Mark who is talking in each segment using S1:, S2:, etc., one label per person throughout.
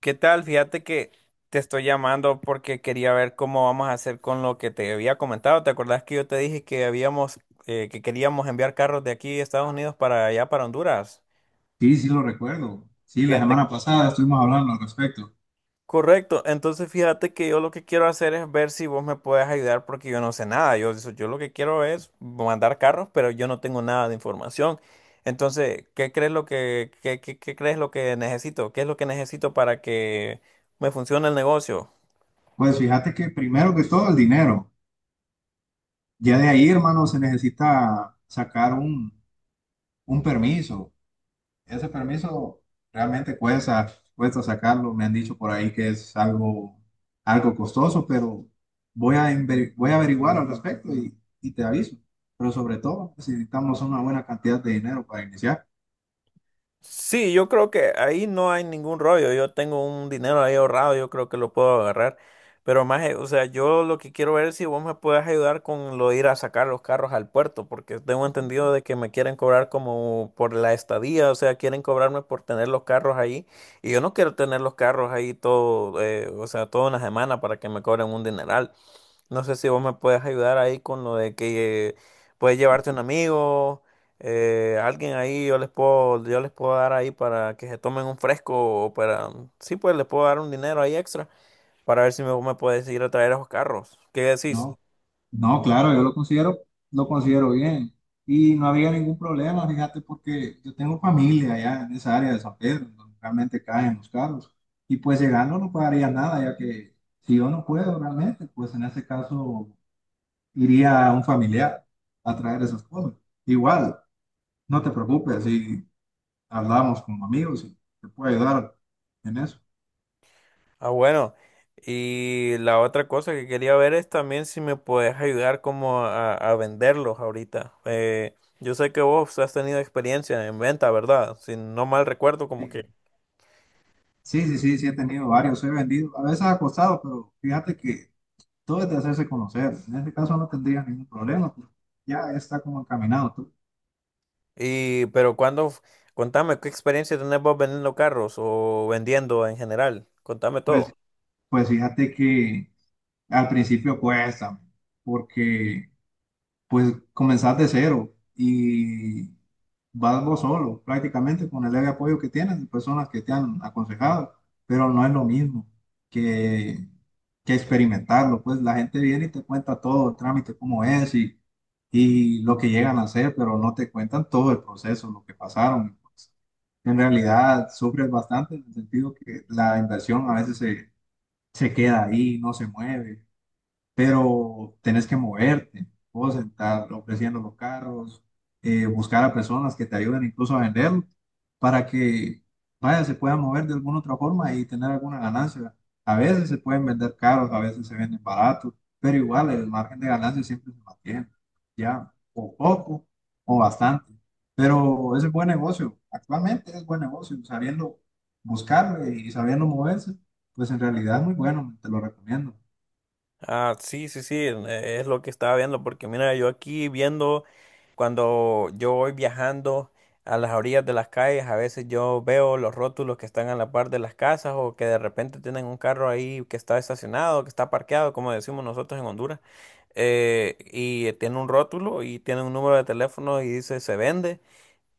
S1: ¿Qué tal? Fíjate que te estoy llamando porque quería ver cómo vamos a hacer con lo que te había comentado. ¿Te acordás que yo te dije que habíamos, que queríamos enviar carros de aquí de Estados Unidos para allá, para Honduras?
S2: Sí, sí lo recuerdo. Sí, la
S1: Fíjate.
S2: semana pasada estuvimos hablando al respecto.
S1: Correcto. Entonces fíjate que yo lo que quiero hacer es ver si vos me puedes ayudar porque yo no sé nada. Yo lo que quiero es mandar carros, pero yo no tengo nada de información. Entonces, ¿qué crees lo que, qué, qué crees lo que necesito? ¿Qué es lo que necesito para que me funcione el negocio?
S2: Pues fíjate que primero que todo el dinero. Ya de ahí, hermano, se necesita sacar un permiso. Ese permiso realmente cuesta sacarlo. Me han dicho por ahí que es algo costoso, pero voy a averiguar al respecto y te aviso. Pero sobre todo necesitamos una buena cantidad de dinero para iniciar.
S1: Sí, yo creo que ahí no hay ningún rollo. Yo tengo un dinero ahí ahorrado, yo creo que lo puedo agarrar. Pero más, o sea, yo lo que quiero ver es si vos me puedes ayudar con lo de ir a sacar los carros al puerto, porque tengo entendido de que me quieren cobrar como por la estadía, o sea, quieren cobrarme por tener los carros ahí. Y yo no quiero tener los carros ahí todo, o sea, toda una semana para que me cobren un dineral. No sé si vos me puedes ayudar ahí con lo de que puedes llevarte un amigo alguien ahí yo les puedo dar ahí para que se tomen un fresco o para, sí, pues les puedo dar un dinero ahí extra para ver si me, me puedes ir a traer esos carros. ¿Qué decís?
S2: ¿No? No, claro, lo considero bien. Y no había ningún problema, fíjate, porque yo tengo familia allá en esa área de San Pedro, donde realmente caen los carros. Y pues llegando no pagaría nada, ya que si yo no puedo realmente, pues en ese caso iría a un familiar a traer esas cosas. Igual, no te preocupes, si hablamos como amigos y te puedo ayudar en eso.
S1: Ah, bueno. Y la otra cosa que quería ver es también si me puedes ayudar como a venderlos ahorita. Yo sé que vos has tenido experiencia en venta, ¿verdad? Si no mal recuerdo, como
S2: Sí,
S1: que.
S2: sí, sí, sí, sí he tenido varios, he vendido, a veces ha costado, pero fíjate que todo es de hacerse conocer. En este caso no tendría ningún problema, porque ya está como encaminado, tú.
S1: Y, pero cuando, contame, ¿qué experiencia tenés vos vendiendo carros o vendiendo en general? Contame
S2: Pues,
S1: todo.
S2: pues fíjate que al principio cuesta, porque pues comenzás de cero y vas vos solo, prácticamente con el leve apoyo que tienes de personas que te han aconsejado, pero no es lo mismo que, que experimentarlo. Pues la gente viene y te cuenta todo el trámite, cómo es y lo que llegan a hacer, pero no te cuentan todo el proceso, lo que pasaron, pues. En realidad sufres bastante en el sentido que la inversión a se queda ahí, no se mueve, pero tenés que moverte, vos estar ofreciendo los carros, buscar a personas que te ayuden incluso a venderlo para que vaya, se pueda mover de alguna otra forma y tener alguna ganancia. A veces se pueden vender caros, a veces se venden baratos, pero igual el margen de ganancia siempre se mantiene, ya, o poco o bastante. Pero ese es buen negocio, actualmente es buen negocio, sabiendo buscarlo y sabiendo moverse, pues en realidad es muy bueno, te lo recomiendo.
S1: Ah, sí, sí, sí, es lo que estaba viendo, porque mira, yo aquí viendo, cuando yo voy viajando a las orillas de las calles, a veces yo veo los rótulos que están a la par de las casas o que de repente tienen un carro ahí que está estacionado, que está parqueado, como decimos nosotros en Honduras, y tiene un rótulo y tiene un número de teléfono y dice se vende.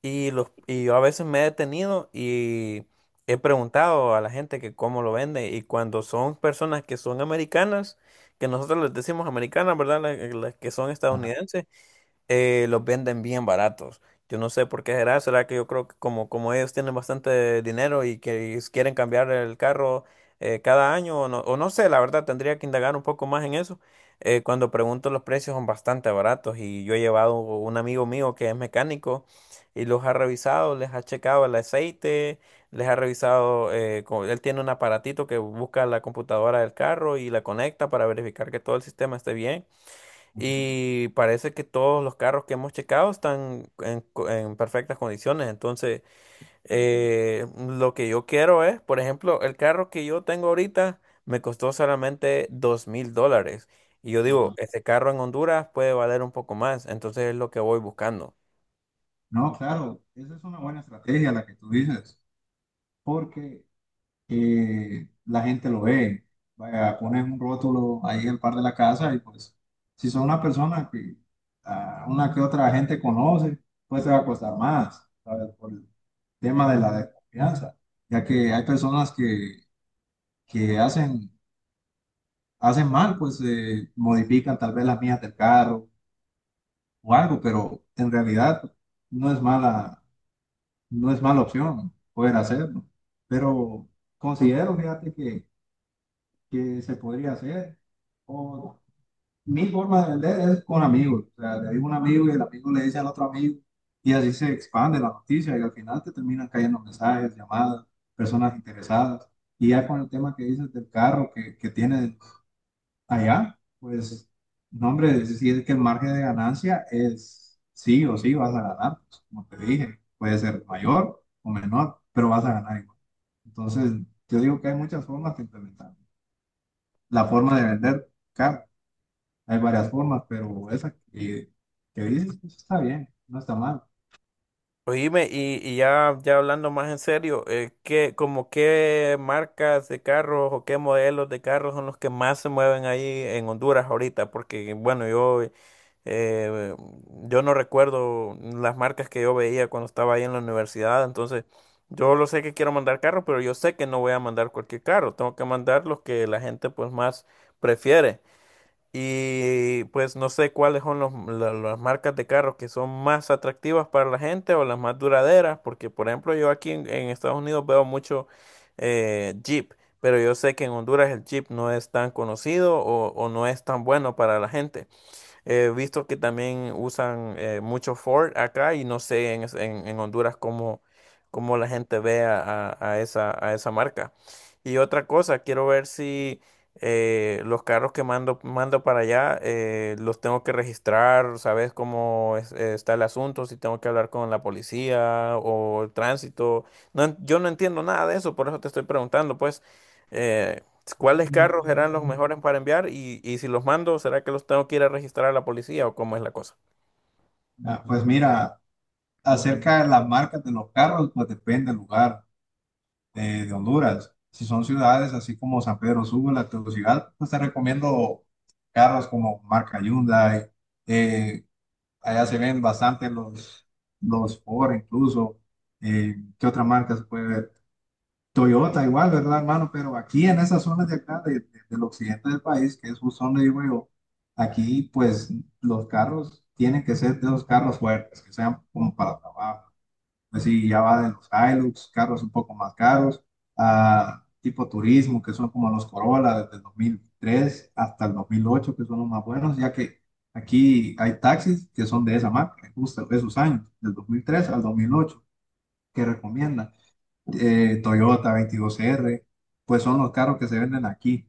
S1: Y, los, y yo a veces me he detenido y he preguntado a la gente que cómo lo vende. Y cuando son personas que son americanas, que nosotros les decimos americanas, ¿verdad? Las, que son
S2: Ajá.
S1: estadounidenses, los venden bien baratos. Yo no sé por qué será, será que yo creo que como, como ellos tienen bastante dinero y que quieren cambiar el carro cada año o no sé, la verdad tendría que indagar un poco más en eso. Cuando pregunto los precios son bastante baratos y yo he llevado un amigo mío que es mecánico y los ha revisado, les ha checado el aceite, les ha revisado, él tiene un aparatito que busca la computadora del carro y la conecta para verificar que todo el sistema esté bien. Y parece que todos los carros que hemos checado están en perfectas condiciones. Entonces, lo que yo quiero es, por ejemplo, el carro que yo tengo ahorita me costó solamente $2,000. Y yo digo,
S2: Ajá.
S1: este carro en Honduras puede valer un poco más. Entonces es lo que voy buscando.
S2: No, claro, esa es una buena estrategia la que tú dices, porque la gente lo ve. Vaya, pones un rótulo ahí al par de la casa y pues si son una persona que a una que otra gente conoce, pues te va a costar más, ¿sabes? Por el tema de la desconfianza, ya que hay personas que hacen mal, pues modifican tal vez las mías del carro o algo, pero en realidad no es mala no es mala opción poder hacerlo, pero considero, fíjate, que se podría hacer. O mi forma de vender es con amigos, o sea, le digo a un amigo y el amigo le dice al otro amigo y así se expande la noticia y al final te terminan cayendo mensajes, llamadas, personas interesadas. Y ya con el tema que dices del carro que tienes allá, pues, no, hombre, si es que el margen de ganancia es sí o sí vas a ganar, pues, como te dije, puede ser mayor o menor, pero vas a ganar igual. Entonces, yo digo que hay muchas formas de implementar. La forma de vender, claro, hay varias formas, pero esa que dices, pues está bien, no está mal.
S1: Oíme, y ya, ya hablando más en serio, ¿qué, como qué marcas de carros o qué modelos de carros son los que más se mueven ahí en Honduras ahorita? Porque, bueno, yo, eh, yo no recuerdo las marcas que yo veía cuando estaba ahí en la universidad, entonces yo lo sé que quiero mandar carros, pero yo sé que no voy a mandar cualquier carro, tengo que mandar los que la gente pues más prefiere. Y pues no sé cuáles son las marcas de carros que son más atractivas para la gente o las más duraderas, porque por ejemplo yo aquí en Estados Unidos veo mucho Jeep, pero yo sé que en Honduras el Jeep no es tan conocido o no es tan bueno para la gente. He visto que también usan mucho Ford acá y no sé en Honduras cómo, cómo la gente ve a esa marca. Y otra cosa, quiero ver si los carros que mando, mando para allá los tengo que registrar, ¿sabes cómo está el asunto? Si tengo que hablar con la policía o el tránsito. Yo no entiendo nada de eso, por eso te estoy preguntando, pues. eh, ¿Cuáles carros serán los mejores para enviar? Y si los mando, ¿será que los tengo que ir a registrar a la policía o cómo es la cosa?
S2: Ah, pues mira, acerca de las marcas de los carros, pues depende del lugar, de Honduras. Si son ciudades así como San Pedro Sula, Tegucigalpa, pues te recomiendo carros como marca Hyundai. eh, Allá se ven bastante los Ford incluso. ¿Qué otra marca se puede ver? Toyota igual, ¿verdad, hermano? Pero aquí en esas zonas de acá, del occidente del país, que es justo donde vivo yo, aquí pues los carros tienen que ser de los carros fuertes, que sean como para trabajo. Pues sí, ya va de los Hilux, carros un poco más caros, a tipo turismo, que son como los Corolla desde el 2003 hasta el 2008, que son los más buenos, ya que aquí hay taxis que son de esa marca, justo de esos años, del 2003 al 2008, que recomiendan Toyota 22R, pues son los carros que se venden aquí.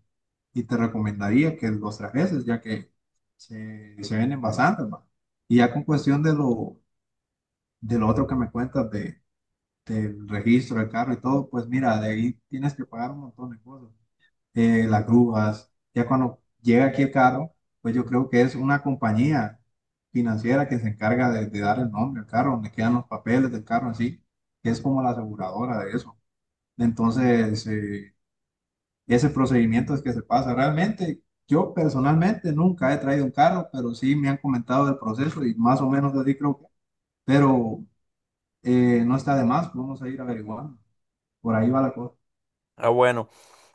S2: Y te recomendaría que los trajeses, ya que se venden bastante, ma. Y ya con cuestión de de lo otro que me cuentas del registro del carro y todo, pues mira, de ahí tienes que pagar un montón de cosas. Las grúas, ya cuando llega aquí el carro, pues yo creo que es una compañía financiera que se encarga de dar el nombre al carro, donde quedan los papeles del carro en sí, que es como la aseguradora de eso. Entonces, ese procedimiento es que se pasa. Realmente, yo personalmente nunca he traído un carro, pero sí me han comentado del proceso y más o menos así creo que. Pero no está de más, vamos a ir averiguando. Por ahí va la cosa.
S1: Ah, bueno.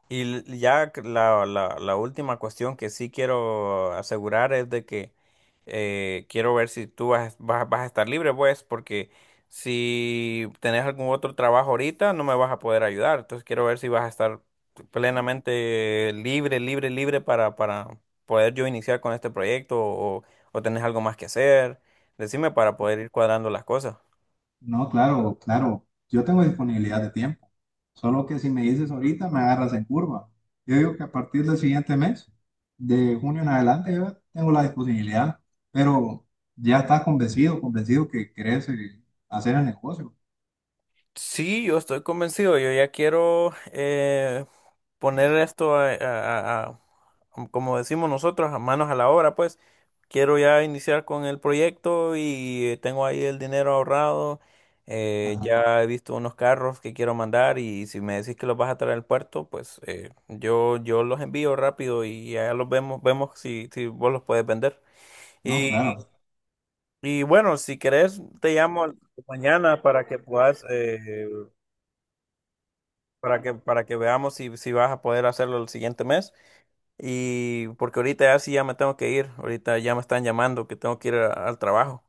S1: Y ya la, la última cuestión que sí quiero asegurar es de que quiero ver si tú vas, vas a estar libre, pues, porque si tenés algún otro trabajo ahorita, no me vas a poder ayudar. Entonces quiero ver si vas a estar plenamente libre, libre, libre para poder yo iniciar con este proyecto o tenés algo más que hacer. Decime para poder ir cuadrando las cosas.
S2: No, claro, claro. Yo tengo disponibilidad de tiempo. Solo que si me dices ahorita, me agarras en curva. Yo digo que a partir del siguiente mes, de junio en adelante, yo tengo la disponibilidad. Pero ya estás convencido que querés hacer el negocio.
S1: Sí, yo estoy convencido. Yo ya quiero poner esto a, a- a- como decimos nosotros, a manos a la obra, pues. Quiero ya iniciar con el proyecto y tengo ahí el dinero ahorrado.
S2: Ajá.
S1: Ya he visto unos carros que quiero mandar y si me decís que los vas a traer al puerto, pues yo los envío rápido y ya los vemos, vemos si, si vos los puedes vender.
S2: No,
S1: Y,
S2: claro.
S1: y bueno, si querés, te llamo mañana para que puedas... para que veamos si, si vas a poder hacerlo el siguiente mes. Y porque ahorita ya sí ya me tengo que ir, ahorita ya me están llamando que tengo que ir al trabajo.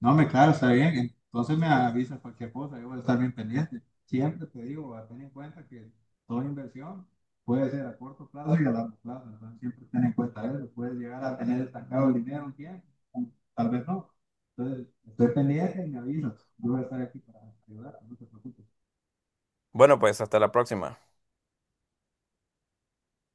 S2: No, me claro, está bien. Entonces me avisas cualquier cosa, yo voy a estar bien pendiente. Siempre te digo, a ten en cuenta que toda inversión puede ser a corto plazo y a largo plazo. Entonces siempre ten en cuenta eso. Puedes llegar a tener estancado el dinero un tiempo, tal vez no. Entonces, estoy pendiente y me avisas. Yo voy a estar aquí para ayudar, no te preocupes.
S1: Bueno, pues hasta la próxima.